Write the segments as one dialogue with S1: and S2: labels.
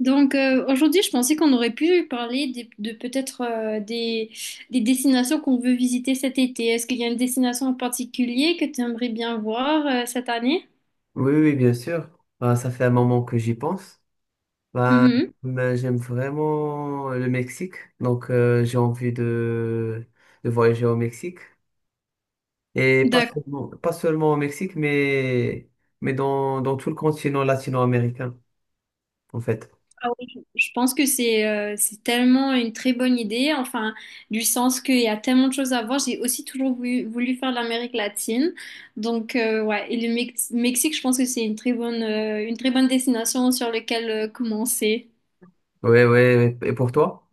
S1: Aujourd'hui, je pensais qu'on aurait pu parler de peut-être des destinations qu'on veut visiter cet été. Est-ce qu'il y a une destination en particulier que tu aimerais bien voir cette année?
S2: Oui, oui, oui, bien sûr. Ben, ça fait un moment que j'y pense. Ben,
S1: Mhm.
S2: ben, j'aime vraiment le Mexique, donc j'ai envie de voyager au Mexique. Et pas
S1: D'accord.
S2: seulement, pas seulement au Mexique, mais dans, dans tout le continent latino-américain, en fait.
S1: Ah oui, je pense que c'est tellement une très bonne idée, enfin, du sens qu'il y a tellement de choses à voir. J'ai aussi toujours voulu faire l'Amérique latine. Ouais, et le Mexique, je pense que c'est une une très bonne destination sur laquelle commencer.
S2: Oui, oui, oui. Et pour toi?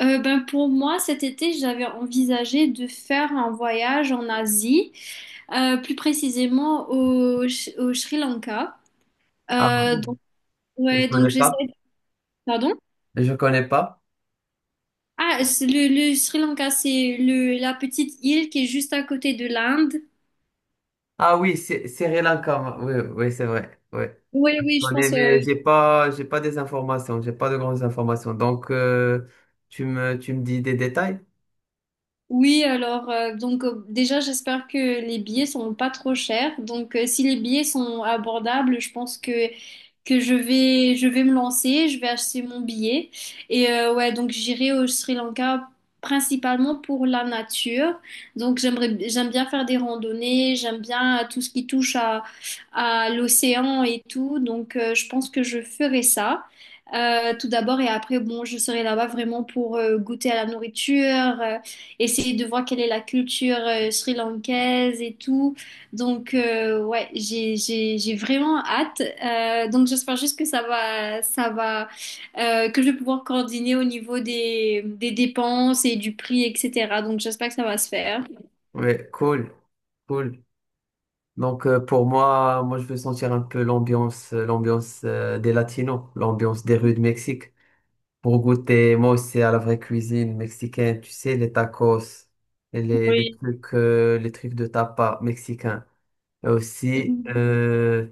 S1: Ben pour moi, cet été, j'avais envisagé de faire un voyage en Asie, plus précisément au, au Sri Lanka.
S2: Ah,
S1: Euh, donc,
S2: je
S1: ouais, donc
S2: connais
S1: j'essaie.
S2: pas.
S1: Pardon?
S2: Je connais pas.
S1: Ah, c'est le Sri Lanka, c'est la petite île qui est juste à côté de l'Inde.
S2: Ah oui, c'est Sri Lanka. Oui, oui, c'est vrai. Oui.
S1: Oui, oui, je
S2: J'en ai,
S1: pense.
S2: mais j'ai pas des informations, j'ai pas de grandes informations. Donc, tu me dis des détails?
S1: Oui, alors déjà j'espère que les billets sont pas trop chers. Donc si les billets sont abordables, je pense que je vais me lancer, je vais acheter mon billet et ouais donc j'irai au Sri Lanka principalement pour la nature. Donc j'aime bien faire des randonnées, j'aime bien tout ce qui touche à l'océan et tout. Donc je pense que je ferai ça. Tout d'abord et après bon je serai là-bas vraiment pour goûter à la nourriture euh, essayer de voir quelle est la culture sri-lankaise et tout. Ouais, j'ai vraiment hâte. Donc, j'espère juste que ça va, que je vais pouvoir coordonner au niveau des dépenses et du prix, etc. Donc, j'espère que ça va se faire.
S2: Ouais, cool, cool. Donc, pour moi, moi, je veux sentir un peu l'ambiance, l'ambiance des Latinos, l'ambiance des rues de Mexique. Pour goûter, moi aussi, à la vraie cuisine mexicaine, tu sais, les tacos,
S1: Oui.
S2: les trucs de tapas mexicains. Et aussi,
S1: Mhm.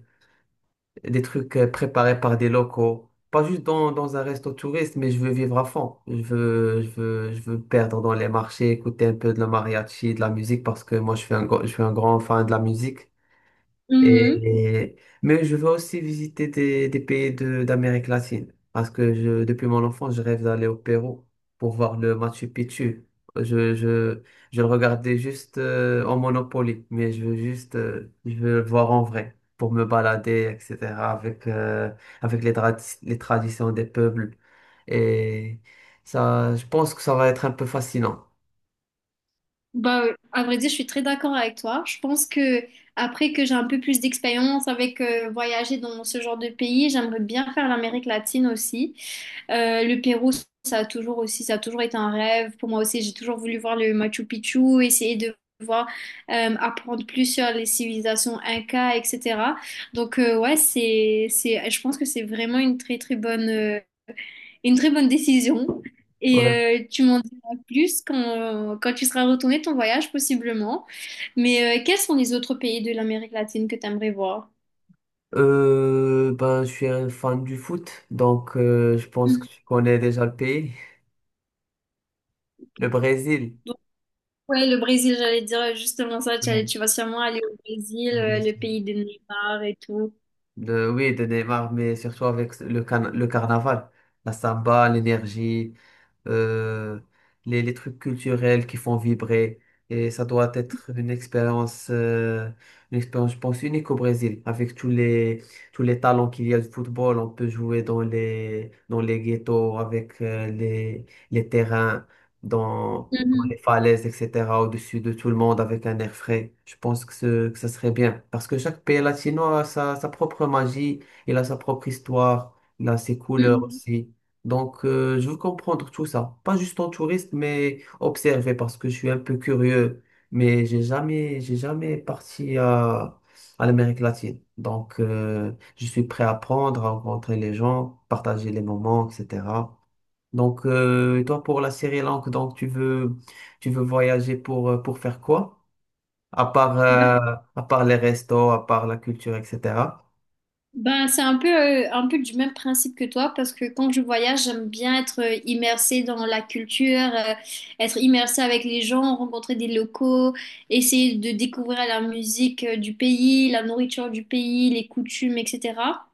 S2: des trucs préparés par des locaux. Pas juste dans, dans un resto touriste, mais je veux vivre à fond. Je veux, je veux, je veux me perdre dans les marchés, écouter un peu de la mariachi, de la musique, parce que moi, je suis un, je suis un grand fan de la musique.
S1: Mhm.
S2: Et, mais je veux aussi visiter des pays de, d'Amérique latine parce que je, depuis mon enfance, je rêve d'aller au Pérou pour voir le Machu Picchu. Je, je, je le regardais juste en Monopoly, mais je veux juste je veux le voir en vrai pour me balader, etc., avec, avec les, les traditions des peuples. Et ça, je pense que ça va être un peu fascinant.
S1: Bah, à vrai dire, je suis très d'accord avec toi. Je pense que après que j'ai un peu plus d'expérience avec voyager dans ce genre de pays, j'aimerais bien faire l'Amérique latine aussi. Le Pérou, ça a toujours été un rêve. Pour moi aussi, j'ai toujours voulu voir le Machu Picchu, essayer de voir, apprendre plus sur les civilisations Inca, etc. Donc ouais, c'est, je pense que c'est vraiment une une très bonne décision. Et
S2: Ouais.
S1: tu m'en diras plus quand tu seras retourné de ton voyage, possiblement. Mais quels sont les autres pays de l'Amérique latine que tu aimerais voir?
S2: Ben, je suis un fan du foot, donc je pense que tu connais déjà le pays, le Brésil.
S1: Ouais, le Brésil, j'allais dire justement ça,
S2: Oui,
S1: tu vas sûrement aller au Brésil,
S2: oui, bien
S1: le
S2: sûr.
S1: pays de Neymar et tout.
S2: De, oui, de Neymar, mais surtout avec le, le carnaval, la samba, l'énergie, euh, les trucs culturels qui font vibrer. Et ça doit être une expérience, je pense, unique au Brésil, avec tous les talents qu'il y a du football. On peut jouer dans les ghettos, avec les terrains. Dans, dans les
S1: Mhm,
S2: falaises, etc., au-dessus de tout le monde avec un air frais. Je pense que, ce, que ça serait bien. Parce que chaque pays latino a sa, sa propre magie, il a sa propre histoire, il a ses couleurs
S1: mhm.
S2: aussi. Donc, je veux comprendre tout ça. Pas juste en touriste, mais observer parce que je suis un peu curieux. Mais j'ai jamais parti à l'Amérique latine. Donc, je suis prêt à apprendre, à rencontrer les gens, partager les moments, etc. Donc, et toi, pour la Sri Lanka, donc tu veux voyager pour faire quoi? À part, euh,
S1: Ben,
S2: à part les restos, à part la culture, etc.
S1: ben, c'est un peu du même principe que toi parce que quand je voyage, j'aime bien être immersée dans la culture, être immersée avec les gens, rencontrer des locaux, essayer de découvrir la musique du pays, la nourriture du pays, les coutumes, etc.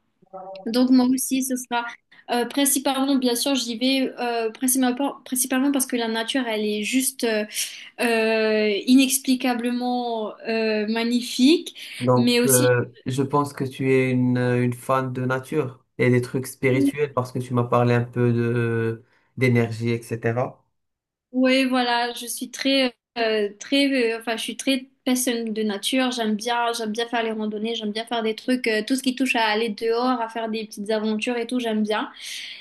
S1: Donc moi aussi, ce sera principalement, bien sûr, j'y vais principalement parce que la nature, elle est juste inexplicablement magnifique, mais
S2: Donc,
S1: aussi,
S2: je pense que tu es une fan de nature et des trucs spirituels parce que tu m'as parlé un peu de d'énergie, etc.
S1: oui, voilà, je suis très, enfin, je suis très personne de nature. J'aime bien faire les randonnées, j'aime bien faire des trucs, tout ce qui touche à aller dehors, à faire des petites aventures et tout, j'aime bien.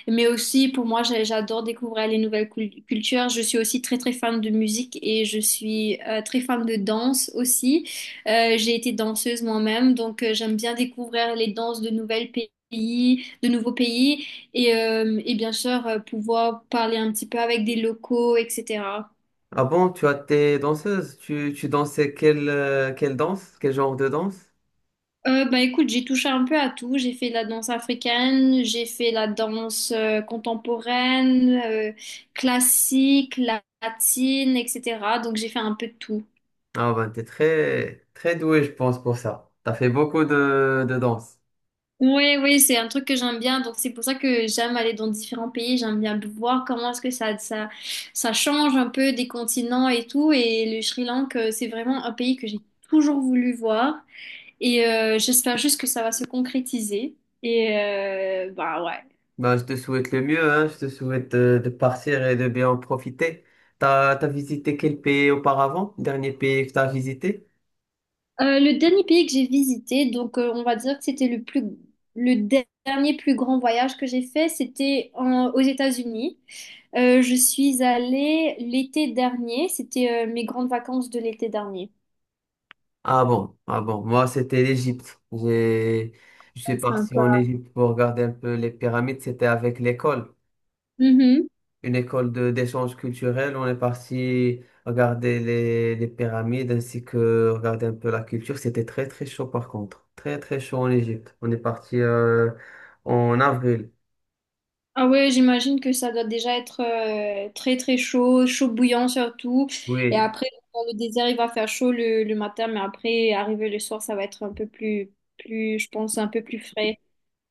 S1: Mais aussi, pour moi, j'adore découvrir les nouvelles cultures. Je suis aussi très, très fan de musique et je suis très fan de danse aussi. J'ai été danseuse moi-même, donc j'aime bien découvrir les danses de nouvelles pays. De nouveaux pays et bien sûr pouvoir parler un petit peu avec des locaux, etc.
S2: Ah bon, tu as tes danseuses, tu dansais quelle, quelle danse, quel genre de danse?
S1: Bah écoute, j'ai touché un peu à tout. J'ai fait de la danse africaine, j'ai fait la danse contemporaine, classique, latine, etc. Donc j'ai fait un peu de tout.
S2: Ah ben, t'es très, très doué, je pense, pour ça. T'as fait beaucoup de danse.
S1: Oui, oui, c'est un truc que j'aime bien. Donc c'est pour ça que j'aime aller dans différents pays. J'aime bien voir comment est-ce que ça change un peu des continents et tout. Et le Sri Lanka, c'est vraiment un pays que j'ai toujours voulu voir. Et j'espère juste que ça va se concrétiser. Et bah ouais.
S2: Ben, je te souhaite le mieux, hein. Je te souhaite de partir et de bien en profiter. T'as, t'as visité quel pays auparavant? Dernier pays que t'as visité?
S1: Le dernier pays que j'ai visité, donc on va dire que c'était le dernier plus grand voyage que j'ai fait, c'était aux États-Unis. Je suis allée l'été dernier, c'était mes grandes vacances de l'été dernier.
S2: Ah bon, ah bon. Moi, c'était l'Égypte. J'ai, je suis
S1: Ouais,
S2: parti en
S1: sympa.
S2: Égypte pour regarder un peu les pyramides. C'était avec l'école.
S1: Mhm.
S2: Une école de d'échange culturel. On est parti regarder les pyramides ainsi que regarder un peu la culture. C'était très très chaud par contre. Très très chaud en Égypte. On est parti en avril.
S1: Ah ouais, j'imagine que ça doit déjà être très très chaud, chaud bouillant surtout. Et
S2: Oui.
S1: après, dans le désert, il va faire chaud le matin, mais après, arrivé le soir, ça va être un peu plus, je pense, un peu plus frais.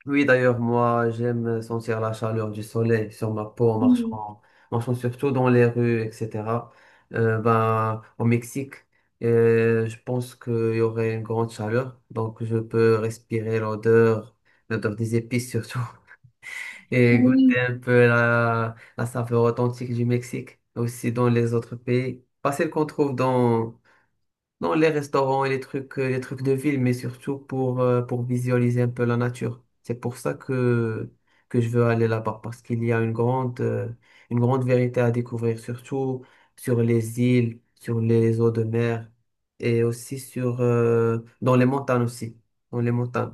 S2: Oui, d'ailleurs, moi, j'aime sentir la chaleur du soleil sur ma peau en
S1: Hmm.
S2: marchant, marchant surtout dans les rues, etc. Ben, au Mexique, je pense qu'il y aurait une grande chaleur, donc je peux respirer l'odeur, l'odeur des épices surtout. Et goûter un peu la, la saveur authentique du Mexique, aussi dans les autres pays. Pas celle qu'on trouve dans, dans les restaurants et les trucs de ville, mais surtout pour visualiser un peu la nature. C'est pour ça que je veux aller là-bas, parce qu'il y a une grande vérité à découvrir, surtout sur les îles, sur les eaux de mer et aussi sur, dans les montagnes aussi, dans les montagnes.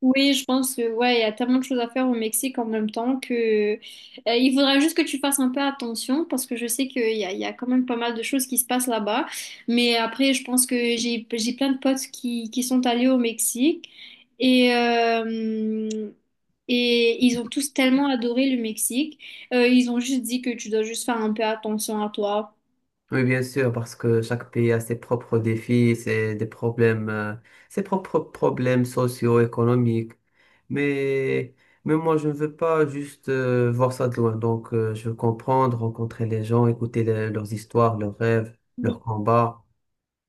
S1: Oui, je pense que ouais, il y a tellement de choses à faire au Mexique en même temps que il faudra juste que tu fasses un peu attention parce que je sais qu'il y a quand même pas mal de choses qui se passent là-bas. Mais après, je pense que j'ai plein de potes qui sont allés au Mexique et euh, et ils ont tous tellement adoré le Mexique. Ils ont juste dit que tu dois juste faire un peu attention à toi.
S2: Oui, bien sûr, parce que chaque pays a ses propres défis, ses, des problèmes, ses propres problèmes socio-économiques. Mais, mais moi, je ne veux pas juste voir ça de loin. Donc, je veux comprendre, rencontrer les gens, écouter leurs histoires, leurs rêves, leurs combats.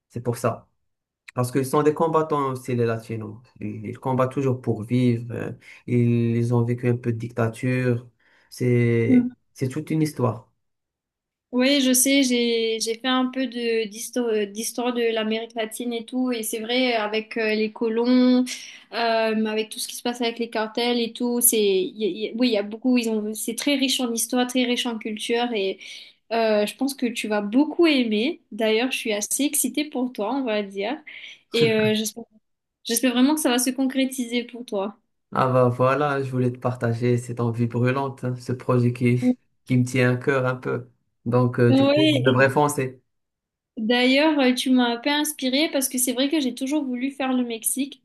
S2: C'est pour ça. Parce qu'ils sont des combattants aussi, les Latinos. Ils combattent toujours pour vivre. Ils, ils ont vécu un peu de dictature.
S1: Oui.
S2: C'est toute une histoire.
S1: Oui, je sais, j'ai fait un peu de d'histoire de l'Amérique latine et tout, et c'est vrai avec les colons, euh, avec tout ce qui se passe avec les cartels et tout, c'est oui, il y a beaucoup, ils ont c'est très riche en histoire, très riche en culture, et je pense que tu vas beaucoup aimer. D'ailleurs, je suis assez excitée pour toi, on va dire, et j'espère vraiment que ça va se concrétiser pour toi.
S2: Ah bah voilà, je voulais te partager cette envie brûlante, hein, ce projet qui me tient à cœur un peu. Donc du coup, je devrais
S1: Oui,
S2: foncer.
S1: d'ailleurs, tu m'as un peu inspirée parce que c'est vrai que j'ai toujours voulu faire le Mexique,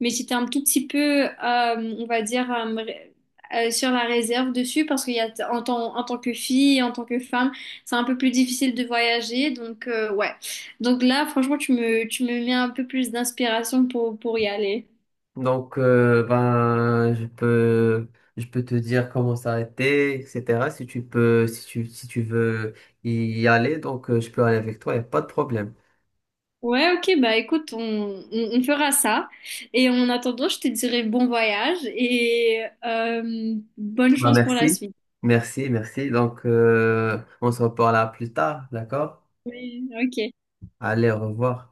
S1: mais j'étais un tout petit peu, on va dire, sur la réserve dessus parce qu'il y a en tant que fille, en tant que femme, c'est un peu plus difficile de voyager. Ouais. Donc là, franchement, tu me mets un peu plus d'inspiration pour y aller.
S2: Donc ben je peux te dire comment s'arrêter, etc. Si tu peux si tu si tu veux y aller, donc je peux aller avec toi, y a pas de problème.
S1: Ouais, ok, bah écoute, on fera ça. Et en attendant, je te dirai bon voyage et bonne
S2: Bah,
S1: chance pour la
S2: merci.
S1: suite.
S2: Merci, merci. Donc on se reparle plus tard, d'accord?
S1: Oui, ok.
S2: Allez, au revoir.